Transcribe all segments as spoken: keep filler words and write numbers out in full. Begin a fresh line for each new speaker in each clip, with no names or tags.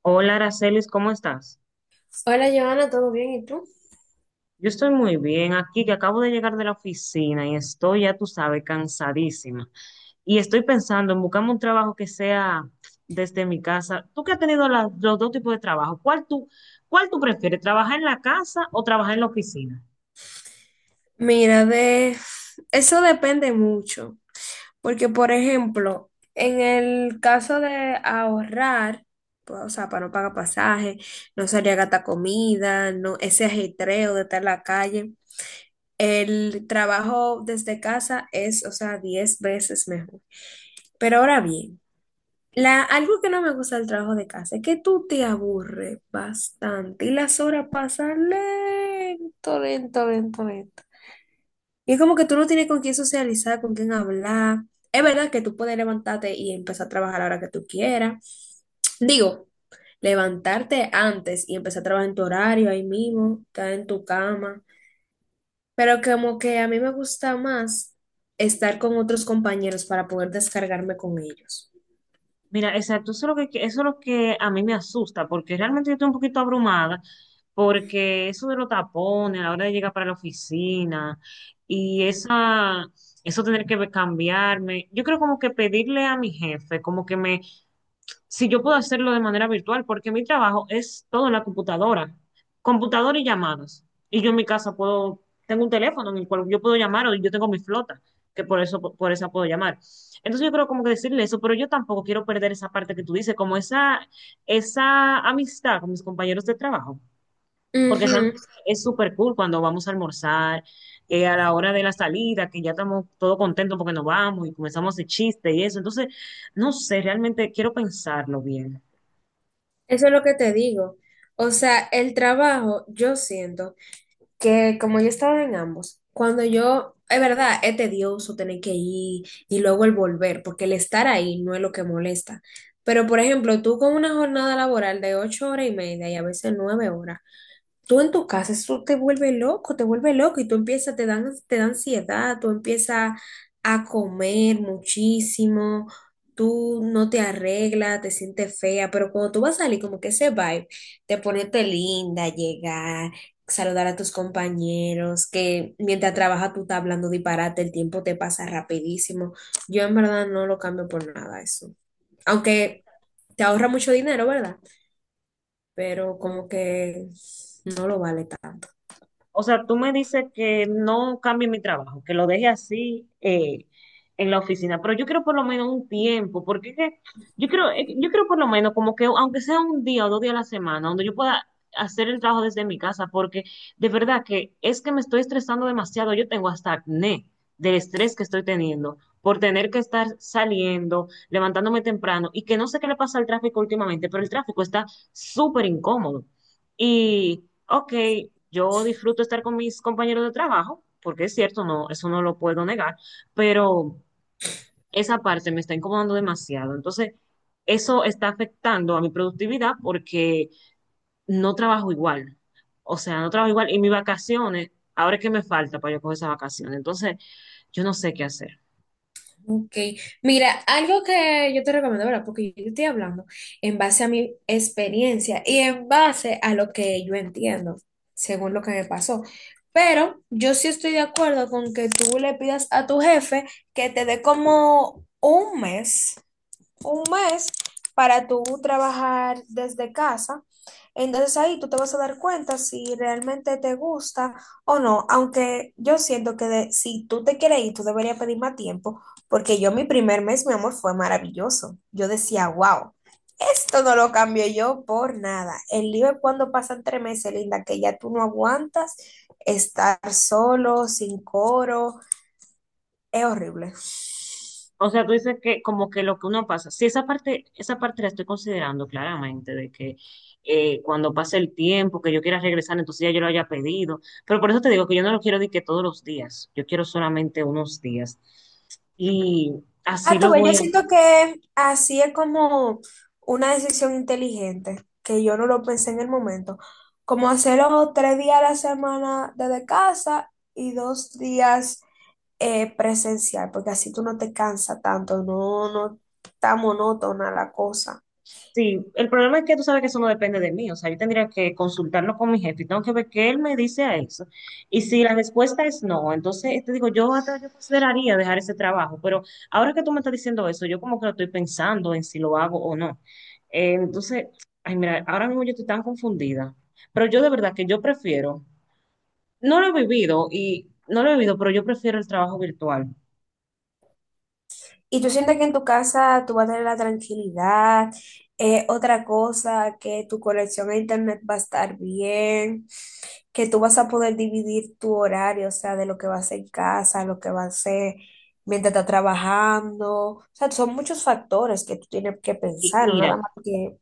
Hola, Aracelis, ¿cómo estás?
Hola, Joana, ¿todo bien? ¿Y tú?
Yo estoy muy bien aquí, que acabo de llegar de la oficina y estoy, ya tú sabes, cansadísima. Y estoy pensando en buscarme un trabajo que sea desde mi casa. Tú que has tenido la- los dos tipos de trabajo, ¿cuál tú, cuál tú prefieres, trabajar en la casa o trabajar en la oficina?
Mira, de eso depende mucho, porque por ejemplo, en el caso de ahorrar, pues, o sea, para no pagar pasaje, no salir a gastar comida, no ese ajetreo de estar en la calle, el trabajo desde casa es, o sea, diez veces mejor. Pero ahora bien, la, algo que no me gusta del trabajo de casa es que tú te aburres bastante y las horas pasan lento, lento, lento, lento. Y es como que tú no tienes con quién socializar, con quién hablar. Es verdad que tú puedes levantarte y empezar a trabajar a la hora que tú quieras. Digo, levantarte antes y empezar a trabajar en tu horario ahí mismo, estar en tu cama. Pero como que a mí me gusta más estar con otros compañeros para poder descargarme con ellos.
Mira, exacto, eso es lo que, eso es lo que a mí me asusta, porque realmente yo estoy un poquito abrumada, porque eso de los tapones a la hora de llegar para la oficina y esa, eso tener que cambiarme, yo creo como que pedirle a mi jefe, como que me, si yo puedo hacerlo de manera virtual, porque mi trabajo es todo en la computadora, computadora y llamadas. Y yo en mi casa puedo, tengo un teléfono en el cual yo puedo llamar o yo tengo mi flota, que por eso, por esa puedo llamar. Entonces yo creo como que decirle eso, pero yo tampoco quiero perder esa parte que tú dices, como esa, esa amistad con mis compañeros de trabajo. Porque
Ujú,
realmente es súper cool cuando vamos a almorzar, eh, a la hora de la salida, que ya estamos todos contentos porque nos vamos y comenzamos el chiste y eso. Entonces, no sé, realmente quiero pensarlo bien.
eso es lo que te digo. O sea, el trabajo, yo siento. que como yo estaba en ambos, cuando yo, es verdad, es tedioso tener que ir y luego el volver, porque el estar ahí no es lo que molesta. Pero, por ejemplo, tú con una jornada laboral de ocho horas y media y a veces nueve horas, tú en tu casa, eso te vuelve loco, te vuelve loco y tú empiezas, te dan, te da ansiedad, tú empiezas a comer muchísimo, tú no te arreglas, te sientes fea, pero cuando tú vas a salir, como que ese vibe, te ponerte linda, llegar, saludar a tus compañeros, que mientras trabajas tú estás hablando disparate, el tiempo te pasa rapidísimo. Yo en verdad no lo cambio por nada eso. Aunque te ahorra mucho dinero, ¿verdad? Pero como que no lo vale tanto.
O sea, tú me dices que no cambie mi trabajo, que lo deje así eh, en la oficina, pero yo quiero por lo menos un tiempo, porque es que yo quiero, eh, yo quiero por lo menos como que aunque sea un día o dos días a la semana, donde yo pueda hacer el trabajo desde mi casa, porque de verdad que es que me estoy estresando demasiado, yo tengo hasta acné del estrés que estoy teniendo por tener que estar saliendo, levantándome temprano y que no sé qué le pasa al tráfico últimamente, pero el tráfico está súper incómodo. Y, ok, yo disfruto estar con mis compañeros de trabajo, porque es cierto, no, eso no lo puedo negar, pero esa parte me está incomodando demasiado. Entonces, eso está afectando a mi productividad porque no trabajo igual. O sea, no trabajo igual. Y mis vacaciones, ahora es que me falta para yo coger esas vacaciones. Entonces, yo no sé qué hacer.
Ok, mira, algo que yo te recomiendo, ¿verdad? Porque yo te estoy hablando en base a mi experiencia y en base a lo que yo entiendo, según lo que me pasó. Pero yo sí estoy de acuerdo con que tú le pidas a tu jefe que te dé como un mes un mes para tú trabajar desde casa. Entonces ahí tú te vas a dar cuenta si realmente te gusta o no, aunque yo siento que de- si tú te quieres ir, tú deberías pedir más tiempo, porque yo mi primer mes, mi amor, fue maravilloso. Yo decía, wow, esto no lo cambio yo por nada. El lío es cuando pasan tres meses, linda, que ya tú no aguantas estar solo, sin coro, es horrible.
O sea, tú dices que como que lo que uno pasa, sí, esa parte, esa parte la estoy considerando claramente, de que eh, cuando pase el tiempo, que yo quiera regresar, entonces ya yo lo haya pedido, pero por eso te digo que yo no lo quiero de que todos los días, yo quiero solamente unos días. Y así
Ah, tú
lo
ves, yo
voy a,
siento que así es como una decisión inteligente, que yo no lo pensé en el momento. Como hacerlo tres días a la semana desde casa y dos días eh, presencial, porque así tú no te cansas tanto, no, no está monótona la cosa.
Sí, el problema es que tú sabes que eso no depende de mí, o sea, yo tendría que consultarlo con mi jefe y tengo que ver qué él me dice a eso. Y si la respuesta es no, entonces te digo, yo hasta yo consideraría dejar ese trabajo, pero ahora que tú me estás diciendo eso, yo como que lo estoy pensando en si lo hago o no. Eh, entonces, ay, mira, ahora mismo yo estoy tan confundida, pero yo de verdad que yo prefiero, no lo he vivido y no lo he vivido, pero yo prefiero el trabajo virtual.
Y tú sientes que en tu casa tú vas a tener la tranquilidad, eh, otra cosa, que tu conexión a internet va a estar bien, que tú vas a poder dividir tu horario, o sea, de lo que vas a hacer en casa, lo que vas a hacer mientras estás trabajando. O sea, son muchos factores que tú tienes que
Y
pensar, ¿no? Nada
mira,
más que,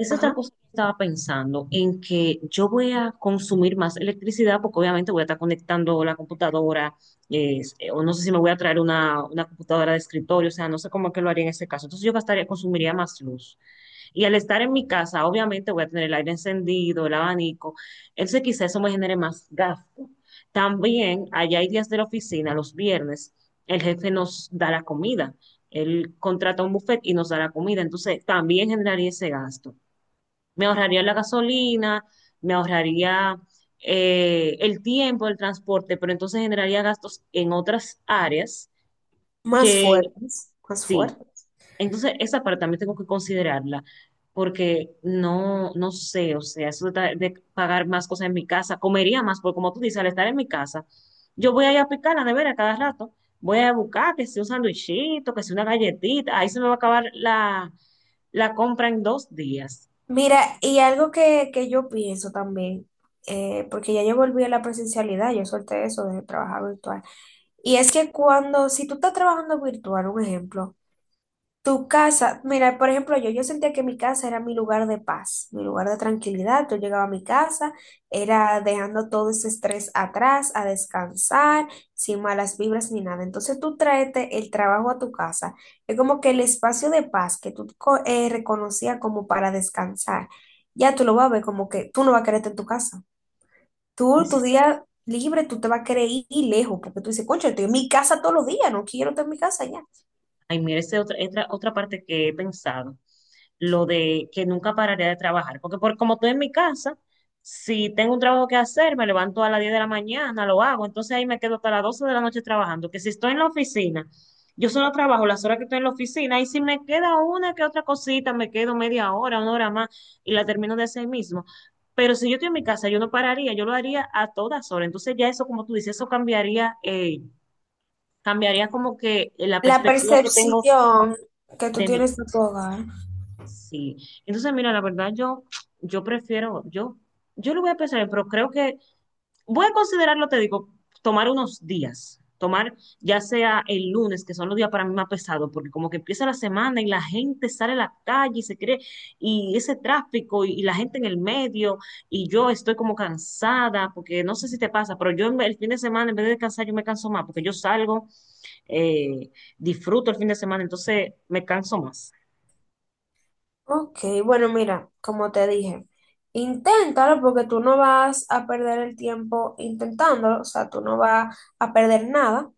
es otra
ajá,
cosa que estaba pensando, en que yo voy a consumir más electricidad porque obviamente voy a estar conectando la computadora, eh, o no sé si me voy a traer una, una computadora de escritorio, o sea, no sé cómo es que lo haría en ese caso. Entonces yo gastaría, consumiría más luz. Y al estar en mi casa, obviamente voy a tener el aire encendido, el abanico, entonces quizá eso me genere más gasto. También, allá hay días de la oficina, los viernes, el jefe nos da la comida. Él contrata un buffet y nos da la comida, entonces también generaría ese gasto, me ahorraría la gasolina, me ahorraría eh, el tiempo, el transporte, pero entonces generaría gastos en otras áreas
más
que
fuertes, más
sí.
fuertes.
Entonces, esa parte también tengo que considerarla, porque no, no sé, o sea, eso de, ta- de pagar más cosas en mi casa, comería más, porque como tú dices, al estar en mi casa, yo voy a ir a picar la nevera cada rato, voy a buscar que si un sandwichito, que si una galletita, ahí se me va a acabar la, la compra en dos días.
Mira, y algo que, que yo pienso también, eh, porque ya yo volví a la presencialidad, yo solté eso de trabajar virtual. Y es que cuando, si tú estás trabajando virtual, un ejemplo, tu casa, mira, por ejemplo, yo, yo sentía que mi casa era mi lugar de paz, mi lugar de tranquilidad. Yo llegaba a mi casa, era dejando todo ese estrés atrás, a descansar, sin malas vibras ni nada. Entonces tú tráete el trabajo a tu casa. Es como que el espacio de paz que tú co- eh, reconocías como para descansar, ya tú lo vas a ver como que tú no vas a quererte en tu casa. Tú, tu día libre, tú te vas a querer ir lejos, porque tú dices, concha, estoy en mi casa todos los días, no quiero estar en mi casa ya.
Ay, mira, esa es otra, otra, otra parte que he pensado, lo de que nunca pararé de trabajar, porque por, como estoy en mi casa, si tengo un trabajo que hacer, me levanto a las diez de la mañana, lo hago, entonces ahí me quedo hasta las doce de la noche trabajando, que si estoy en la oficina, yo solo trabajo las horas que estoy en la oficina y si me queda una que otra cosita, me quedo media hora, una hora más y la termino de hacer mismo. Pero si yo estoy en mi casa, yo no pararía, yo lo haría a todas horas. Entonces ya eso, como tú dices, eso cambiaría, eh, cambiaría como que la
La
perspectiva que tengo
percepción que tú
de mi,
tienes de tu hogar.
sí. Entonces, mira, la verdad, yo, yo prefiero, yo, yo lo voy a pensar, pero creo que voy a considerarlo, te digo, tomar unos días. Tomar ya sea el lunes, que son los días para mí más pesados, porque como que empieza la semana y la gente sale a la calle y se cree, y ese tráfico y, y la gente en el medio, y yo estoy como cansada, porque no sé si te pasa, pero yo en vez- el fin de semana, en vez de descansar, yo me canso más, porque yo salgo, eh, disfruto el fin de semana, entonces me canso más.
Ok, bueno, mira, como te dije, inténtalo porque tú no vas a perder el tiempo intentándolo, o sea, tú no vas a perder nada.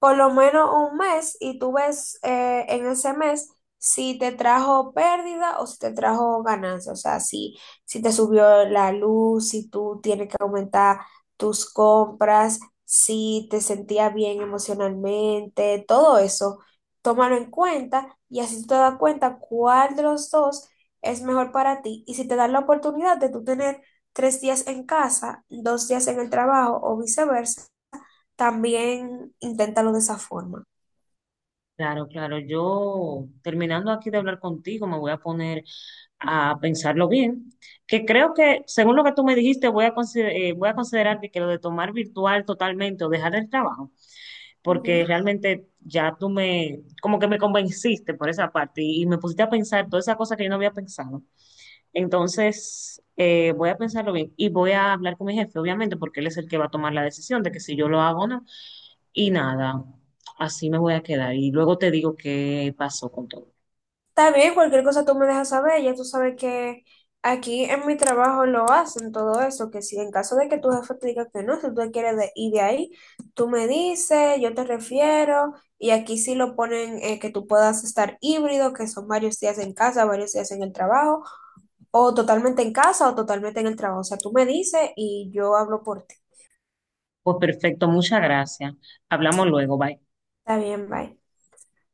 Por lo menos un mes y tú ves eh, en ese mes si te trajo pérdida o si te trajo ganancia, o sea, si, si te subió la luz, si tú tienes que aumentar tus compras, si te sentías bien emocionalmente, todo eso, tómalo en cuenta y así tú te das cuenta cuál de los dos es mejor para ti y si te dan la oportunidad de tú tener tres días en casa, dos días en el trabajo o viceversa también inténtalo de esa forma.
Claro, claro. Yo, terminando aquí de hablar contigo, me voy a poner a pensarlo bien, que creo que, según lo que tú me dijiste, voy a consider- eh, voy a considerar que, que lo de tomar virtual totalmente o dejar el trabajo, porque
Ujú.
realmente ya tú me, como que me convenciste por esa parte y, y me pusiste a pensar todas esas cosas que yo no había pensado. Entonces, eh, voy a pensarlo bien y voy a hablar con mi jefe, obviamente, porque él es el que va a tomar la decisión de que si yo lo hago o no. Y nada, así me voy a quedar y luego te digo qué pasó con todo.
Está bien, cualquier cosa tú me dejas saber, ya tú sabes que aquí en mi trabajo lo hacen todo eso, que si en caso de que tu jefe te diga que no, si tú te quieres de- ir de ahí, tú me dices, yo te refiero, y aquí sí lo ponen eh, que tú puedas estar híbrido, que son varios días en casa, varios días en el trabajo, o totalmente en casa o totalmente en el trabajo, o sea, tú me dices y yo hablo por ti.
Pues perfecto, muchas gracias. Hablamos luego, bye.
Está bien, bye.